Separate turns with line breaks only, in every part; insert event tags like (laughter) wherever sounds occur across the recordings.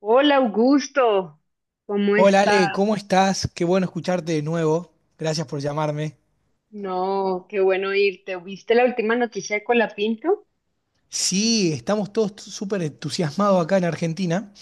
Hola Augusto, ¿cómo
Hola
está?
Ale, ¿cómo estás? Qué bueno escucharte de nuevo. Gracias por llamarme.
No, qué bueno irte. ¿Viste la última noticia de Colapinto?
Sí, estamos todos súper entusiasmados acá en Argentina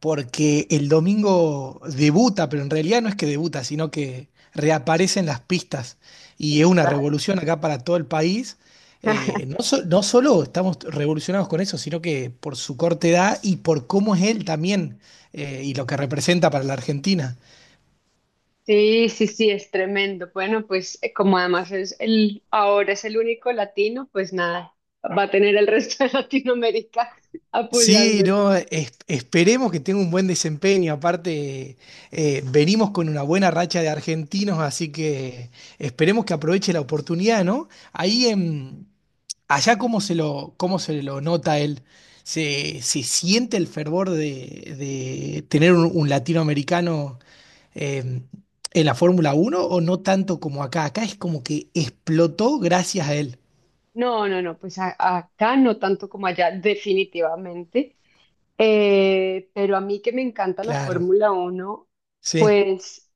porque el domingo debuta, pero en realidad no es que debuta, sino que reaparecen las pistas y es una
Exacto.
revolución acá para todo el país.
(laughs)
No, no solo estamos revolucionados con eso, sino que por su corta edad y por cómo es él también y lo que representa para la Argentina.
Sí, sí, sí, es tremendo. Bueno, como ahora es el único latino, pues nada, va a tener el resto de (laughs) Latinoamérica
Sí,
apoyándolo.
no, esperemos que tenga un buen desempeño. Aparte, venimos con una buena racha de argentinos, así que esperemos que aproveche la oportunidad, ¿no? Ahí en, allá cómo se lo nota él. ¿Se, se siente el fervor de tener un latinoamericano eh, en la Fórmula Uno o no tanto como acá? Acá es como que explotó gracias a él.
Acá no tanto como allá, definitivamente. Pero a mí que me encanta la
Claro,
Fórmula Uno,
sí.
pues.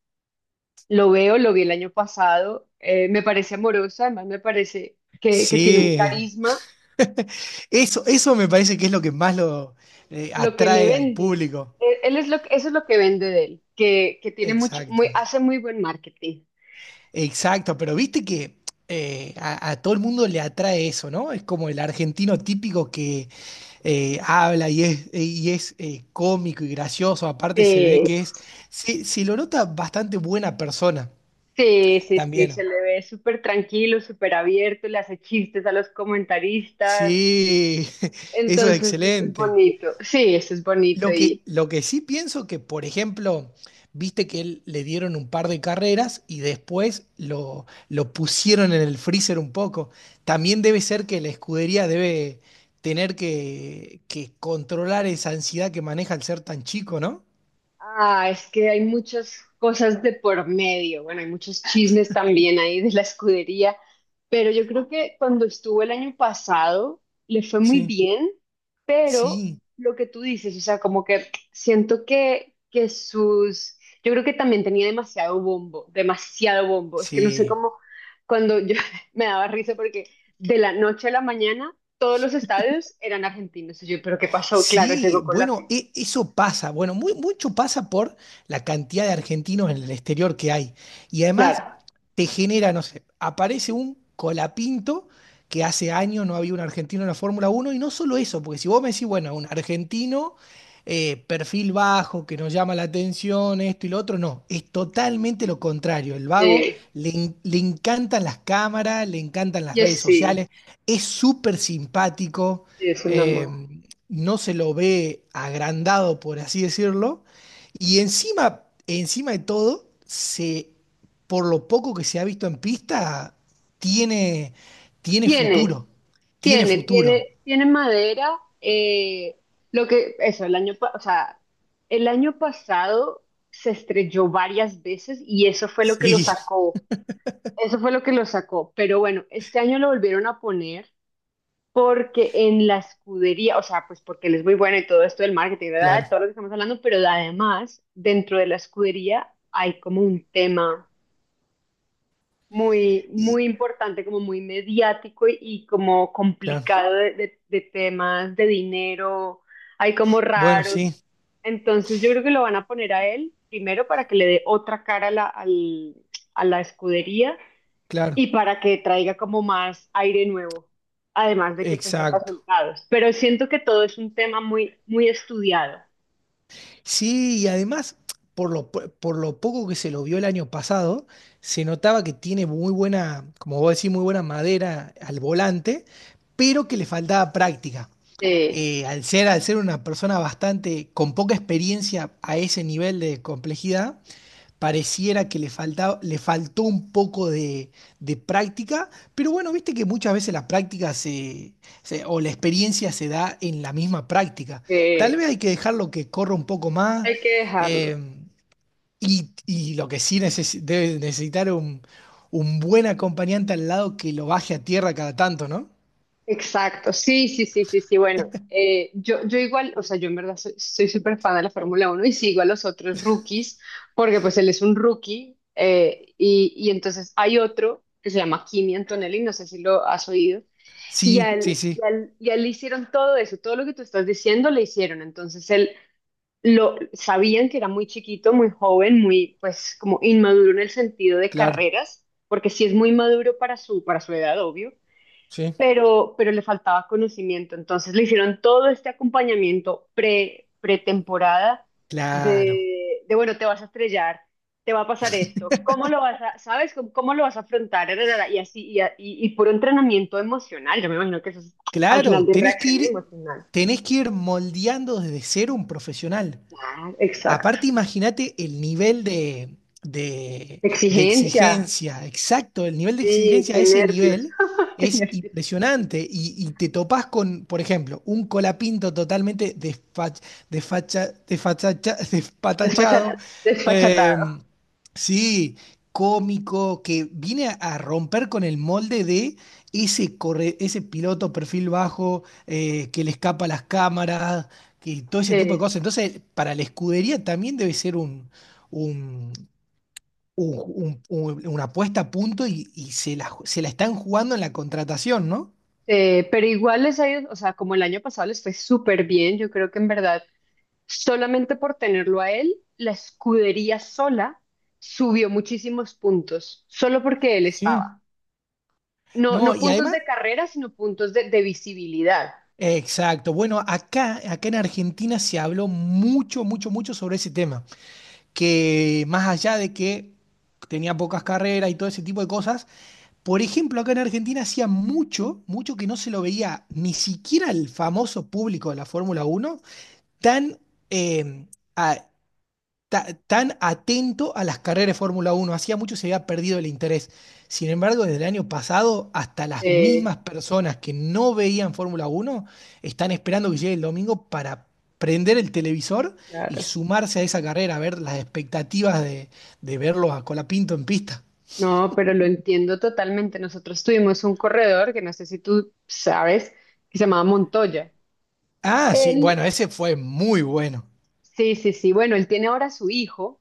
Lo vi el año pasado, me parece amoroso, además me parece que tiene un
Sí.
carisma,
Eso me parece que es lo que más lo
lo que le
atrae al
vende,
público.
él es lo, que- eso es lo que vende de él, que tiene mucho,
Exacto.
muy, hace muy buen marketing.
Exacto, pero viste que a todo el mundo le atrae eso, ¿no? Es como el argentino típico que habla y es cómico y gracioso, aparte se ve
Sí,
que es, se lo nota bastante buena persona
sí, sí, sí,
también.
se le ve súper tranquilo, súper abierto, le hace chistes a los comentaristas,
Sí, (laughs) eso es
entonces eso es
excelente.
bonito, sí, eso es bonito.
Lo que sí pienso que, por ejemplo, viste que él, le dieron un par de carreras y después lo pusieron en el freezer un poco. También debe ser que la escudería debe tener que controlar esa ansiedad que maneja al ser tan chico, ¿no?
Ah, es que hay muchas cosas de por medio. Bueno, hay muchos chismes también ahí de la escudería, pero yo creo que cuando estuvo el año pasado le fue muy
Sí.
bien, pero
Sí,
lo que tú dices, o sea, como que siento que sus... Yo creo que también tenía demasiado bombo, demasiado bombo. Es que no sé
sí.
cómo, cuando yo (laughs) me daba risa porque de la noche a la mañana todos los estadios eran argentinos. Y yo, pero ¿qué pasó? Claro,
Sí,
llegó con la...
bueno,
fin.
eso pasa. Bueno, mucho pasa por la cantidad de argentinos en el exterior que hay. Y además
Claro.
te genera, no sé, aparece un Colapinto que hace años no había un argentino en la Fórmula Uno y no solo eso, porque si vos me decís, bueno, un argentino, perfil bajo, que nos llama la atención, esto y lo otro, no, es totalmente lo contrario. El vago
Sí.
le, le encantan las cámaras, le encantan las redes
Yes, sí,
sociales, es súper simpático,
sí, es una más.
no se lo ve agrandado, por así decirlo, y encima, encima de todo, se, por lo poco que se ha visto en pista, tiene, tiene
Tiene,
futuro, tiene
tiene,
futuro.
tiene, tiene madera. Lo que, eso, el año, pa- o sea, El año pasado se estrelló varias veces y eso fue lo que lo
Sí,
sacó. Eso fue lo que lo sacó. Pero bueno, este año lo volvieron a poner porque en la escudería, o sea, pues porque él es muy bueno y todo esto del marketing,
claro,
¿verdad? Todo lo que estamos hablando, pero además, dentro de la escudería hay como un tema muy,
y,
muy importante, como muy mediático y como
claro.
complicado de temas de dinero, hay como
Bueno,
raros.
sí,
Entonces yo creo que lo van a poner a él primero para que le dé otra cara a a la escudería
claro,
y para que traiga como más aire nuevo, además de que pues dé
exacto.
resultados. Pero siento que todo es un tema muy, muy estudiado.
Sí, y además, por lo, por lo poco que se lo vio el año pasado, se notaba que tiene muy buena, como vos decís, muy buena madera al volante, pero que le faltaba práctica.
Sí,
Al ser, al ser una persona bastante con poca experiencia a ese nivel de complejidad, pareciera que le falta, le faltó un poco de práctica, pero bueno, viste que muchas veces la práctica se, o la experiencia se da en la misma práctica.
sí,
Tal vez hay que dejarlo que corra un poco más,
hay que dejarlo.
eh, y lo que sí debe necesitar un buen acompañante al lado que lo baje a tierra cada tanto, ¿no?
Exacto, sí, sí, sí, sí, sí. Bueno, yo igual, o sea, yo en verdad soy súper fan de la Fórmula Uno y sigo a los otros rookies, porque pues él es un rookie, y entonces hay otro que se llama Kimi Antonelli, no sé si lo has oído, y a
Sí, sí,
él, y
sí,
a él- y a él le hicieron todo eso, todo lo que tú estás diciendo le hicieron, entonces él lo sabían que era muy chiquito, muy joven, muy pues como inmaduro en el sentido de
claro,
carreras, porque sí es muy maduro para su edad, obvio,
sí,
pero le faltaba conocimiento. Entonces le hicieron todo este acompañamiento pretemporada
claro,
bueno, te vas a estrellar, te va a pasar esto, ¿cómo lo vas a, sabes, cómo lo vas a afrontar? Ra, ra, ra, y así, y puro entrenamiento emocional, yo me imagino que eso es al final
claro,
de reacción emocional.
tenés que ir moldeando desde cero un profesional.
Ah, exacto.
Aparte, imagínate el nivel de
Exigencia.
exigencia, exacto, el nivel de
Sí,
exigencia a
qué
ese
nervios.
nivel
(laughs) Qué
es
nervios.
impresionante y te topás con, por ejemplo, un colapinto totalmente (laughs) despatachado,
Desfachatado.
eh, sí, cómico, que viene a romper con el molde de ese, ese piloto perfil bajo, que le escapa a las cámaras, que todo ese tipo de
Sí.
cosas. Entonces, para la escudería también debe ser un- una apuesta a punto y se la, se la están jugando en la contratación, ¿no?
Pero igual les ha ido, o sea, como el año pasado les fue súper bien, yo creo que en verdad, solamente por tenerlo a él, la escudería sola subió muchísimos puntos, solo porque él
Sí.
estaba. No,
No,
no
y
puntos
además,
de carrera, sino puntos de visibilidad.
exacto. Bueno, acá, acá en Argentina se habló mucho, mucho, mucho sobre ese tema. Que más allá de que tenía pocas carreras y todo ese tipo de cosas, por ejemplo, acá en Argentina hacía mucho, mucho que no se lo veía ni siquiera el famoso público de la Fórmula Uno tan, eh, a- tan atento a las carreras de Fórmula Uno. Hacía mucho se había perdido el interés. Sin embargo, desde el año pasado, hasta las
Eh,
mismas personas que no veían Fórmula Uno están esperando que llegue el domingo para prender el televisor y
claro.
sumarse a esa carrera, a ver las expectativas de verlo a Colapinto en pista.
No, pero lo entiendo totalmente. Nosotros tuvimos un corredor, que no sé si tú sabes, que se llamaba Montoya.
Ah, sí, bueno,
Él...
ese fue muy bueno.
Sí, sí, sí. Bueno, él tiene ahora su hijo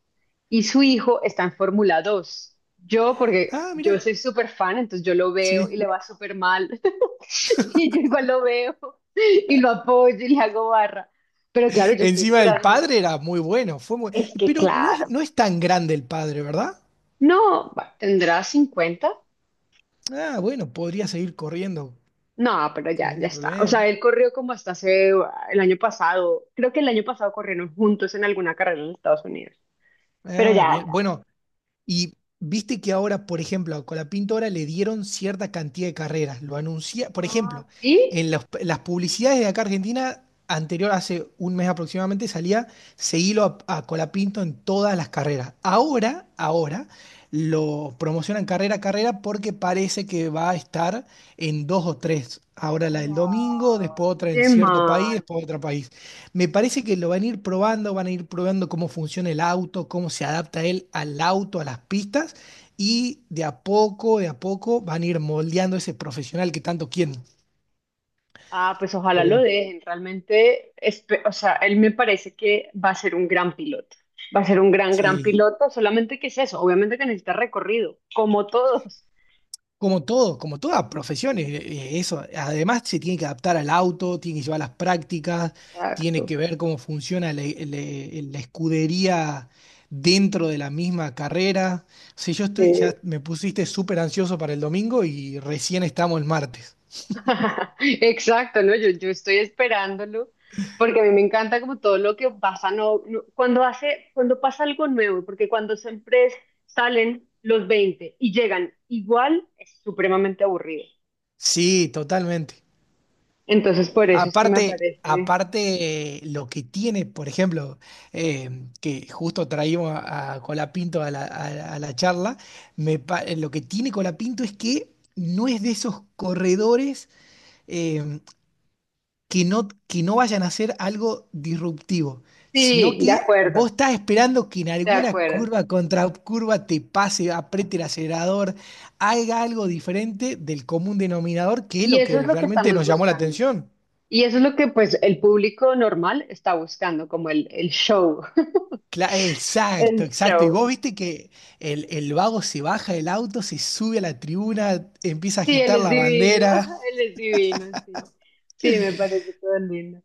y su hijo está en Fórmula 2. Yo, porque
Ah, mira,
yo soy súper fan, entonces yo lo veo y
sí.
le va súper mal. (laughs) Y yo igual lo veo y lo apoyo y le hago barra. Pero claro, yo estoy
Encima el
esperando.
padre era muy bueno, fue muy...
Es que
Pero no
claro.
es, no es tan grande el padre, ¿verdad?
No, va, ¿tendrá cincuenta?
Ah, bueno, podría seguir corriendo
No, pero
sin
ya, ya
ningún
está. O
problema.
sea, él corrió como hasta hace el año pasado. Creo que el año pasado corrieron juntos en alguna carrera en Estados Unidos. Pero
Ah,
ya,
bien.
ya.
Bueno, y viste que ahora, por ejemplo, con la pintora le dieron cierta cantidad de carreras. Lo anuncia, por ejemplo,
Ah, ¿sí?
en las publicidades de acá Argentina, anterior, hace un mes aproximadamente, salía seguilo a Colapinto en todas las carreras. Ahora, ahora, lo promocionan carrera a carrera porque parece que va a estar en dos o tres. Ahora la del
Ay,
domingo, después otra en
qué
cierto país,
mal.
después otra país. Me parece que lo van a ir probando, van a ir probando cómo funciona el auto, cómo se adapta él al auto, a las pistas, y de a poco van a ir moldeando ese profesional que tanto quieren.
Ah, pues ojalá lo
Pero
dejen. Realmente, o sea, él me parece que va a ser un gran piloto. Va a ser un gran, gran
sí,
piloto. Solamente que es eso. Obviamente que necesita recorrido, como todos.
como todo, como todas profesiones, eso. Además, se tiene que adaptar al auto, tiene que llevar las prácticas, tiene
Exacto.
que ver cómo funciona la, la escudería dentro de la misma carrera. O sea, yo estoy,
Sí.
ya me pusiste súper ansioso para el domingo y recién estamos el martes.
(laughs) Exacto, ¿no? Yo estoy esperándolo porque a mí me encanta como todo lo que pasa, cuando hace, cuando pasa algo nuevo, porque salen los 20 y llegan igual, es supremamente aburrido.
Sí, totalmente.
Entonces, por eso es que me
Aparte,
parece.
aparte, lo que tiene, por ejemplo, que justo traímos a Colapinto a la, a la charla, lo que tiene Colapinto es que no es de esos corredores, eh, que no vayan a hacer algo disruptivo, sino
Sí, de
que
acuerdo,
vos estás esperando que en
de
alguna
acuerdo.
curva contra curva te pase, apriete el acelerador, haga algo diferente del común denominador, que es
Y
lo
eso es
que
lo que
realmente
estamos
nos llamó la
buscando.
atención.
Y eso es lo que, pues, el público normal está buscando, como el show. (laughs)
Exacto,
El
exacto. Y
show.
vos viste que el vago se baja del auto, se sube a la tribuna, empieza a
Sí, él
agitar
es
la
divino,
bandera.
(laughs) él es divino, sí. Sí, me parece todo lindo.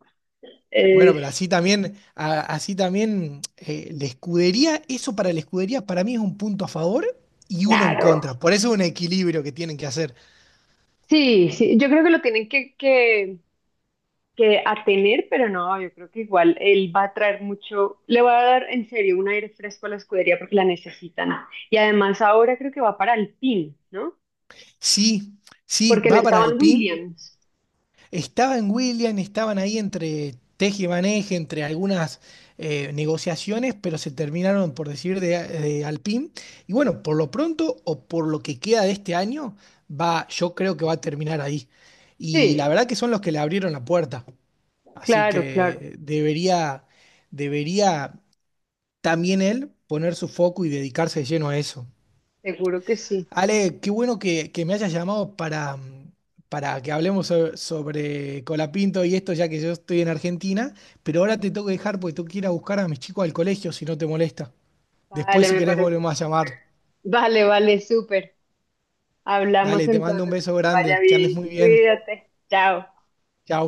Bueno,
Es,
pero así también, así también, la escudería, eso para la escudería para mí es un punto a favor y uno en
claro.
contra. Por eso es un equilibrio que tienen que hacer.
Sí, sí, yo creo que lo tienen que a tener, pero no, yo creo que igual él va a traer mucho, le va a dar en serio un aire fresco a la escudería porque la necesitan. Y además ahora creo que va para Alpine, ¿no?
Sí, sí,
Porque le
va para
estaban
Alpine.
Williams.
Estaba en Williams, estaban ahí entre teje y maneje, entre algunas negociaciones, pero se terminaron por decir de Alpine. Y bueno, por lo pronto o por lo que queda de este año, va, yo creo que va a terminar ahí. Y la
Sí,
verdad que son los que le abrieron la puerta. Así
claro, claro,
que debería, debería también él poner su foco y dedicarse de lleno a eso.
seguro que sí.
Ale, qué bueno que me hayas llamado para, para que hablemos sobre Colapinto y esto, ya que yo estoy en Argentina, pero ahora te tengo que dejar porque tengo que ir a buscar a mis chicos al colegio, si no te molesta. Después,
Vale,
si
me
querés,
parece
volvemos a
súper.
llamar.
Vale, vale, súper. Hablamos
Dale, te mando un
entonces, que
beso
te vaya
grande, que andes
bien,
muy bien.
cuídate, chao.
Chao.